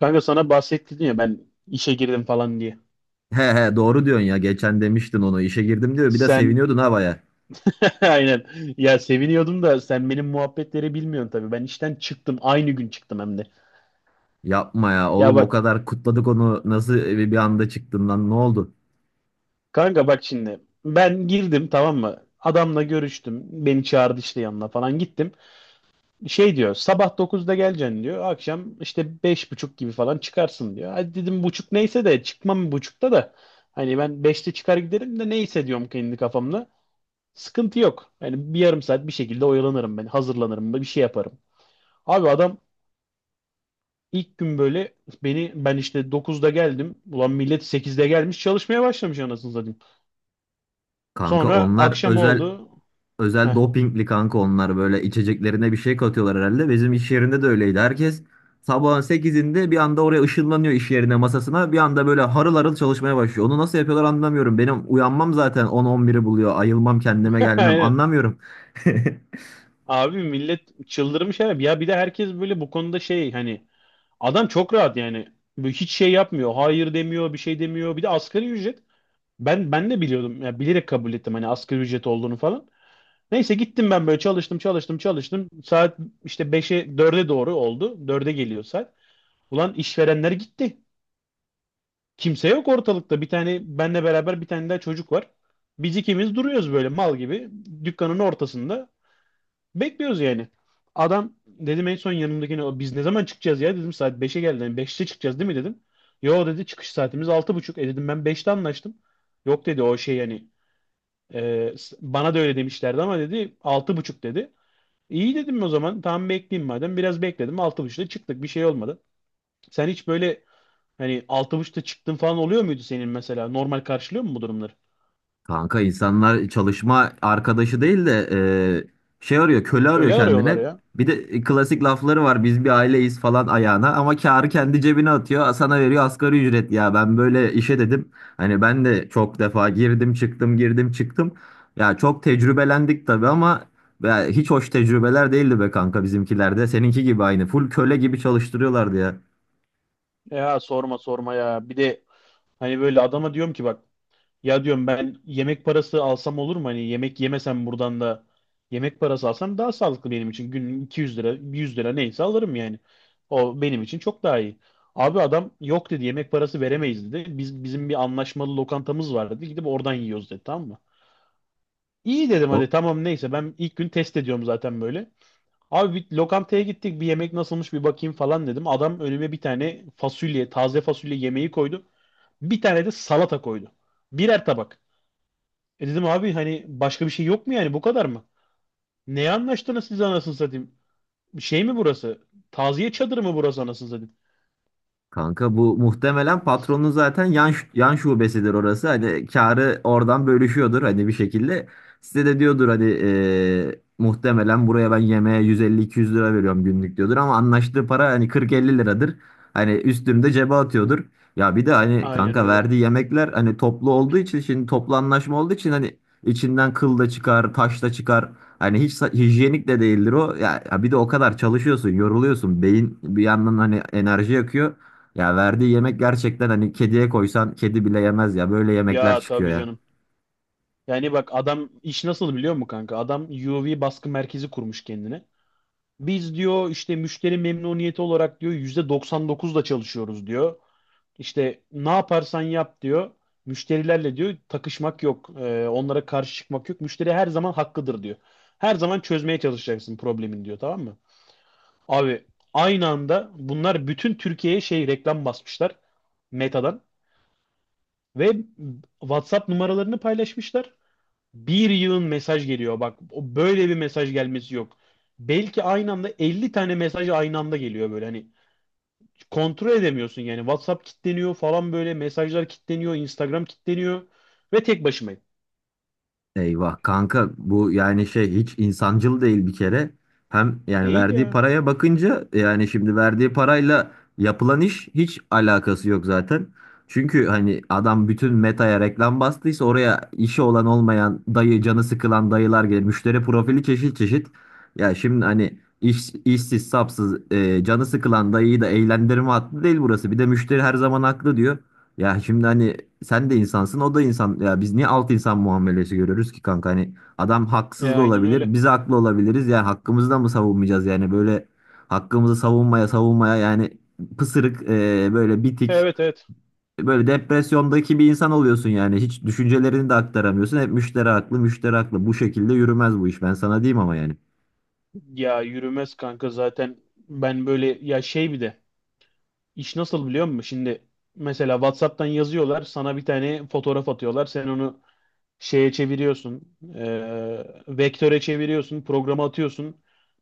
Kanka sana bahsettin ya ben işe girdim falan diye. He he doğru diyorsun ya. Geçen demiştin onu. İşe girdim diyor. Bir de Sen seviniyordun ha baya. aynen. Ya, seviniyordum da sen benim muhabbetleri bilmiyorsun tabii. Ben işten çıktım, aynı gün çıktım hem de. Yapma ya Ya oğlum o bak kadar kutladık onu. Nasıl bir anda çıktın lan ne oldu? kanka, bak şimdi ben girdim, tamam mı? Adamla görüştüm. Beni çağırdı, işte yanına falan gittim. Şey diyor, sabah 9'da geleceksin diyor. Akşam işte 5.30 gibi falan çıkarsın diyor. Hadi dedim, buçuk neyse de çıkmam buçukta da. Hani ben 5'te çıkar giderim de neyse, diyorum kendi kafamda. Sıkıntı yok. Yani bir yarım saat bir şekilde oyalanırım ben. Hazırlanırım, bir şey yaparım. Abi adam ilk gün böyle, beni ben işte 9'da geldim. Ulan millet 8'de gelmiş çalışmaya başlamış anasını satayım. Kanka Sonra onlar akşam özel oldu. özel Heh, dopingli kanka onlar böyle içeceklerine bir şey katıyorlar herhalde. Bizim iş yerinde de öyleydi. Herkes sabahın sekizinde bir anda oraya ışınlanıyor iş yerine masasına. Bir anda böyle harıl harıl çalışmaya başlıyor. Onu nasıl yapıyorlar anlamıyorum. Benim uyanmam zaten on on biri buluyor. Ayılmam kendime gelmem aynen. anlamıyorum. Abi millet çıldırmış herhalde. Ya bir de herkes böyle bu konuda şey hani adam çok rahat yani. Böyle hiç şey yapmıyor. Hayır demiyor, bir şey demiyor. Bir de asgari ücret. Ben de biliyordum. Ya bilerek kabul ettim, hani asgari ücret olduğunu falan. Neyse gittim, ben böyle çalıştım, çalıştım, çalıştım. Saat işte beşe dörde doğru oldu. Dörde geliyor saat. Ulan işverenler gitti. Kimse yok ortalıkta. Bir tane benle beraber bir tane daha çocuk var. Biz ikimiz duruyoruz böyle mal gibi. Dükkanın ortasında. Bekliyoruz yani. Adam dedim en son yanımdakine, "O biz ne zaman çıkacağız ya dedim, saat 5'e geldi. Yani 5'te çıkacağız değil mi dedim. Yo dedi, çıkış saatimiz 6.30. E dedim ben 5'te anlaştım. Yok dedi, o şey yani bana da öyle demişlerdi ama dedi, 6.30 dedi. İyi dedim o zaman. Tamam bekleyeyim madem. Biraz bekledim. 6.30'da çıktık. Bir şey olmadı. Sen hiç böyle hani 6.30'da çıktın falan oluyor muydu senin mesela? Normal karşılıyor mu bu durumları? Kanka insanlar çalışma arkadaşı değil de şey arıyor, köle arıyor Köle arıyorlar kendine. ya. Bir de klasik lafları var. Biz bir aileyiz falan ayağına ama kârı kendi cebine atıyor. Sana veriyor asgari ücret ya. Ben böyle işe dedim. Hani ben de çok defa girdim çıktım girdim çıktım. Ya çok tecrübelendik tabii ama ya hiç hoş tecrübeler değildi be kanka bizimkilerde. Seninki gibi aynı. Full köle gibi çalıştırıyorlardı ya. Ya sorma sorma ya. Bir de hani böyle adama diyorum ki bak, ya diyorum, ben yemek parası alsam olur mu? Hani yemek yemesem buradan da yemek parası alsam daha sağlıklı benim için. Günlük 200 lira, 100 lira neyse alırım yani. O benim için çok daha iyi. Abi adam yok dedi yemek parası veremeyiz dedi. Biz bizim bir anlaşmalı lokantamız var dedi. Gidip oradan yiyoruz dedi, tamam mı? İyi dedim, hadi O, tamam neyse, ben ilk gün test ediyorum zaten böyle. Abi bir lokantaya gittik, bir yemek nasılmış bir bakayım falan dedim. Adam önüme bir tane fasulye, taze fasulye yemeği koydu. Bir tane de salata koydu. Birer tabak. E dedim abi, hani başka bir şey yok mu yani, bu kadar mı? Neye anlaştınız siz anasını satayım? Şey mi burası? Taziye çadırı mı burası anasını satayım? kanka bu muhtemelen patronun zaten yan şubesidir orası. Hani karı oradan bölüşüyordur hani bir şekilde. Size de diyordur hani muhtemelen buraya ben yemeğe 150-200 lira veriyorum günlük diyordur ama anlaştığı para hani 40-50 liradır. Hani üstünü de cebe atıyordur. Ya bir de hani Aynen kanka öyle. verdiği yemekler hani toplu olduğu için şimdi toplu anlaşma olduğu için hani içinden kıl da çıkar, taş da çıkar. Hani hiç hijyenik de değildir o. Ya, ya bir de o kadar çalışıyorsun, yoruluyorsun. Beyin bir yandan hani enerji yakıyor. Ya verdiği yemek gerçekten hani kediye koysan kedi bile yemez ya. Böyle yemekler Ya çıkıyor tabii ya. canım. Yani bak adam iş nasıl biliyor musun kanka? Adam UV baskı merkezi kurmuş kendine. Biz diyor işte müşteri memnuniyeti olarak diyor %99'da çalışıyoruz diyor. İşte ne yaparsan yap diyor. Müşterilerle diyor takışmak yok. Onlara karşı çıkmak yok. Müşteri her zaman hakkıdır diyor. Her zaman çözmeye çalışacaksın problemin diyor, tamam mı? Abi aynı anda bunlar bütün Türkiye'ye şey reklam basmışlar, Meta'dan, ve WhatsApp numaralarını paylaşmışlar. Bir yığın mesaj geliyor. Bak o böyle bir mesaj gelmesi yok. Belki aynı anda 50 tane mesaj aynı anda geliyor böyle. Hani kontrol edemiyorsun yani. WhatsApp kilitleniyor falan böyle. Mesajlar kilitleniyor. Instagram kilitleniyor. Ve tek başımayım. Eyvah kanka bu yani şey hiç insancıl değil bir kere. Hem yani Değil verdiği ya. paraya bakınca yani şimdi verdiği parayla yapılan iş hiç alakası yok zaten. Çünkü hani adam bütün Meta'ya reklam bastıysa oraya işi olan olmayan dayı canı sıkılan dayılar gelir. Müşteri profili çeşit çeşit. Ya şimdi hani işsiz sapsız canı sıkılan dayıyı da eğlendirme hattı değil burası. Bir de müşteri her zaman haklı diyor. Ya şimdi hani sen de insansın o da insan. Ya biz niye alt insan muamelesi görüyoruz ki kanka? Hani adam haksız Ya da aynen öyle. olabilir. Biz haklı olabiliriz. Yani hakkımızı da mı savunmayacağız? Yani böyle hakkımızı savunmaya savunmaya yani pısırık böyle bitik Evet, evet. böyle depresyondaki bir insan oluyorsun yani. Hiç düşüncelerini de aktaramıyorsun. Hep müşteri haklı müşteri haklı. Bu şekilde yürümez bu iş. Ben sana diyeyim ama yani. Ya yürümez kanka zaten. Ben böyle ya şey bir de. İş nasıl biliyor musun? Şimdi mesela WhatsApp'tan yazıyorlar. Sana bir tane fotoğraf atıyorlar. Sen onu şeye çeviriyorsun, e, vektöre çeviriyorsun, programa atıyorsun,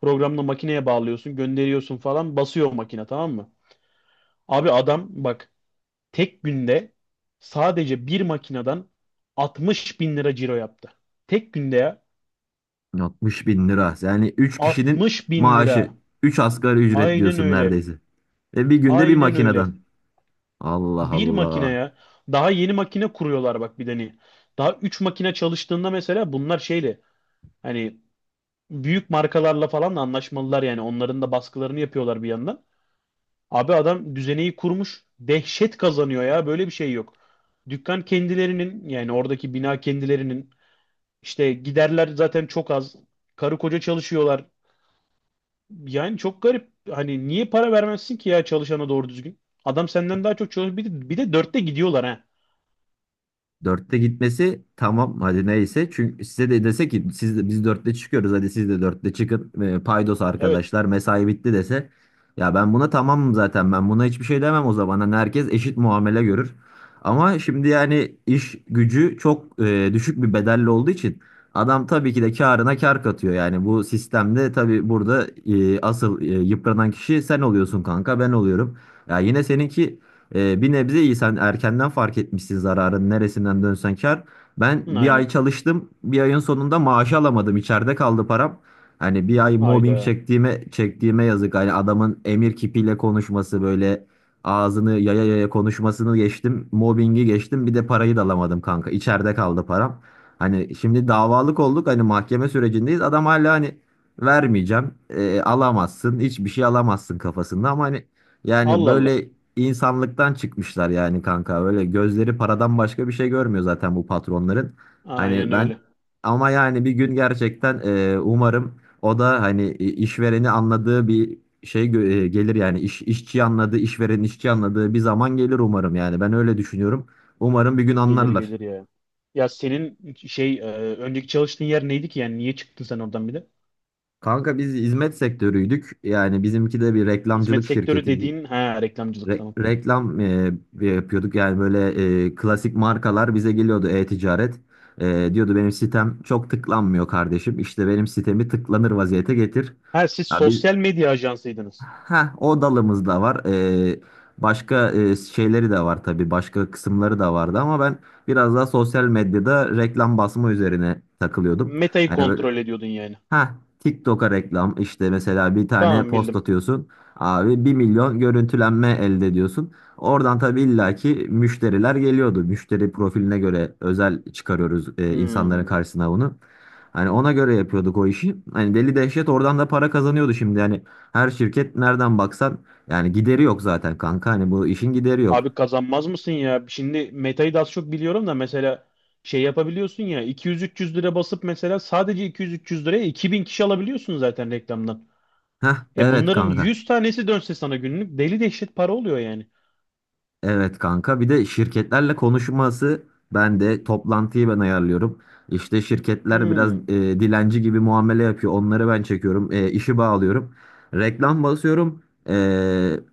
programla makineye bağlıyorsun, gönderiyorsun falan, basıyor makine, tamam mı? Abi adam bak tek günde sadece bir makineden 60 bin lira ciro yaptı. Tek günde ya 60 bin lira. Yani üç kişinin 60 bin maaşı. lira. Üç asgari ücret Aynen diyorsun öyle. neredeyse. Ve bir günde bir Aynen öyle. makineden. Allah Bir Allah. makineye daha yeni makine kuruyorlar bak bir de hani. Daha 3 makine çalıştığında mesela bunlar şeyle hani büyük markalarla falan da anlaşmalılar yani. Onların da baskılarını yapıyorlar bir yandan. Abi adam düzeneyi kurmuş. Dehşet kazanıyor ya. Böyle bir şey yok. Dükkan kendilerinin yani, oradaki bina kendilerinin, işte giderler zaten çok az. Karı koca çalışıyorlar. Yani çok garip. Hani niye para vermezsin ki ya çalışana doğru düzgün? Adam senden daha çok çalışıyor. Bir de dörtte gidiyorlar ha. Dörtte gitmesi tamam hadi neyse. Çünkü size de dese ki siz de, biz dörtte çıkıyoruz hadi siz de dörtte çıkın. Paydos Evet. arkadaşlar mesai bitti dese. Ya ben buna tamamım zaten ben buna hiçbir şey demem o zaman. Hani herkes eşit muamele görür. Ama şimdi yani iş gücü çok düşük bir bedelli olduğu için adam tabii ki de karına kar katıyor. Yani bu sistemde tabii burada asıl yıpranan kişi sen oluyorsun kanka ben oluyorum. Ya yine seninki bir nebze iyi, sen erkenden fark etmişsin zararın neresinden dönsen kar. Ben Hı, bir aynen. ay çalıştım bir ayın sonunda maaşı alamadım içeride kaldı param. Hani bir ay mobbing Hayda. çektiğime çektiğime yazık. Hani adamın emir kipiyle konuşması böyle ağzını yaya yaya konuşmasını geçtim. Mobbingi geçtim bir de parayı da alamadım kanka içeride kaldı param. Hani şimdi davalık olduk hani mahkeme sürecindeyiz adam hala hani vermeyeceğim alamazsın hiçbir şey alamazsın kafasında ama hani yani Allah Allah. böyle insanlıktan çıkmışlar yani kanka. Böyle gözleri paradan başka bir şey görmüyor zaten bu patronların. Hani Aynen ben öyle. ama yani bir gün gerçekten umarım o da hani işvereni anladığı bir gelir yani işçi anladığı, işverenin işçi anladığı bir zaman gelir umarım yani. Ben öyle düşünüyorum. Umarım bir gün Gelir anlarlar. gelir ya. Ya senin şey e, önceki çalıştığın yer neydi ki yani niye çıktın sen oradan bir de? Kanka biz hizmet sektörüydük. Yani bizimki de bir Hizmet reklamcılık sektörü şirketi, dediğin ha, reklamcılık, tamam. reklam yapıyorduk yani böyle klasik markalar bize geliyordu e-ticaret. Diyordu benim sitem çok tıklanmıyor kardeşim. İşte benim sitemi tıklanır vaziyete getir. Ha siz Ya biz sosyal medya ajansıydınız. ha o dalımız da var. E, başka şeyleri de var tabii. Başka kısımları da vardı ama ben biraz daha sosyal medyada reklam basma üzerine takılıyordum. Meta'yı Hani böyle kontrol ediyordun yani. ha, TikTok'a reklam işte mesela bir tane Tamam post bildim. atıyorsun abi 1 milyon görüntülenme elde ediyorsun. Oradan tabii illaki müşteriler geliyordu. Müşteri profiline göre özel çıkarıyoruz insanların Hmm. karşısına bunu. Hani ona göre yapıyorduk o işi. Hani deli dehşet oradan da para kazanıyordu şimdi. Yani her şirket nereden baksan yani gideri yok zaten kanka. Hani bu işin gideri yok. Abi kazanmaz mısın ya? Şimdi Meta'yı da az çok biliyorum da mesela şey yapabiliyorsun ya 200-300 lira basıp mesela sadece 200-300 liraya 2000 kişi alabiliyorsun zaten reklamdan. Heh, E evet bunların kanka. 100 tanesi dönse sana günlük deli dehşet para oluyor yani. Evet kanka bir de şirketlerle konuşması ben de toplantıyı ben ayarlıyorum. İşte şirketler biraz Hmm. Dilenci gibi muamele yapıyor. Onları ben çekiyorum. E, işi bağlıyorum. Reklam basıyorum. E,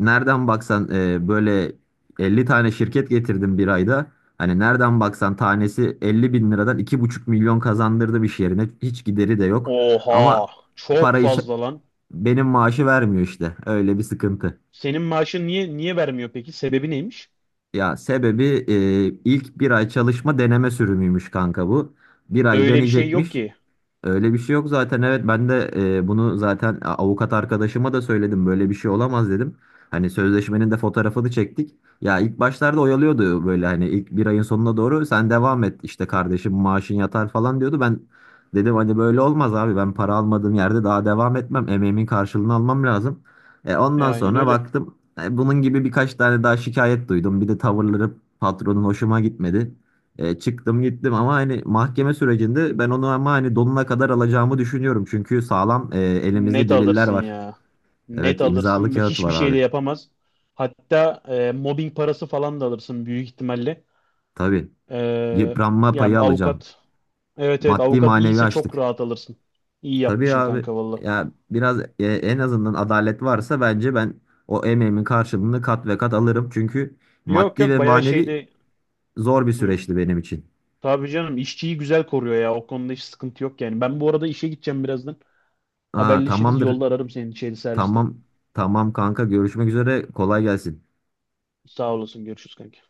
nereden baksan böyle 50 tane şirket getirdim bir ayda. Hani nereden baksan tanesi 50 bin liradan 2,5 milyon kazandırdı bir yerine. Hiç gideri de yok. Oha, Ama çok parayı ç- fazla lan. benim maaşı vermiyor işte. Öyle bir sıkıntı. Senin maaşın niye vermiyor peki? Sebebi neymiş? Ya sebebi ilk bir ay çalışma deneme sürümüymüş kanka bu. Bir ay Öyle bir şey yok deneyecekmiş. ki. Öyle bir şey yok zaten, evet ben de bunu zaten avukat arkadaşıma da söyledim böyle bir şey olamaz dedim. Hani sözleşmenin de fotoğrafını çektik. Ya ilk başlarda oyalıyordu böyle hani ilk bir ayın sonuna doğru sen devam et işte kardeşim maaşın yatar falan diyordu. Ben dedim hani böyle olmaz abi ben para almadığım yerde daha devam etmem, emeğimin karşılığını almam lazım. E, E, ondan aynen sonra öyle. baktım bunun gibi birkaç tane daha şikayet duydum, bir de tavırları patronun hoşuma gitmedi. Çıktım gittim ama hani mahkeme sürecinde ben onu ama hani donuna kadar alacağımı düşünüyorum. Çünkü sağlam elimizde Net deliller alırsın var. ya. Net Evet imzalı alırsın. Bak, kağıt hiçbir var şey de abi. yapamaz. Hatta mobbing parası falan da alırsın büyük ihtimalle. Tabii E, yıpranma Ya payı alacağım. avukat. Evet, evet, Maddi avukat manevi iyiyse çok açtık. rahat alırsın. İyi Tabii yapmışsın abi kanka valla. ya biraz en azından adalet varsa bence ben o emeğimin karşılığını kat ve kat alırım. Çünkü Yok maddi ve yok bayağı manevi şeyde. zor bir Hı. süreçti benim için. Tabii canım işçiyi güzel koruyor ya. O konuda hiç sıkıntı yok yani. Ben bu arada işe gideceğim birazdan. Aa, Haberleşiriz. tamamdır. Yolda ararım seni şeyde serviste. Tamam. Tamam kanka görüşmek üzere. Kolay gelsin. Sağ olasın. Görüşürüz kanka.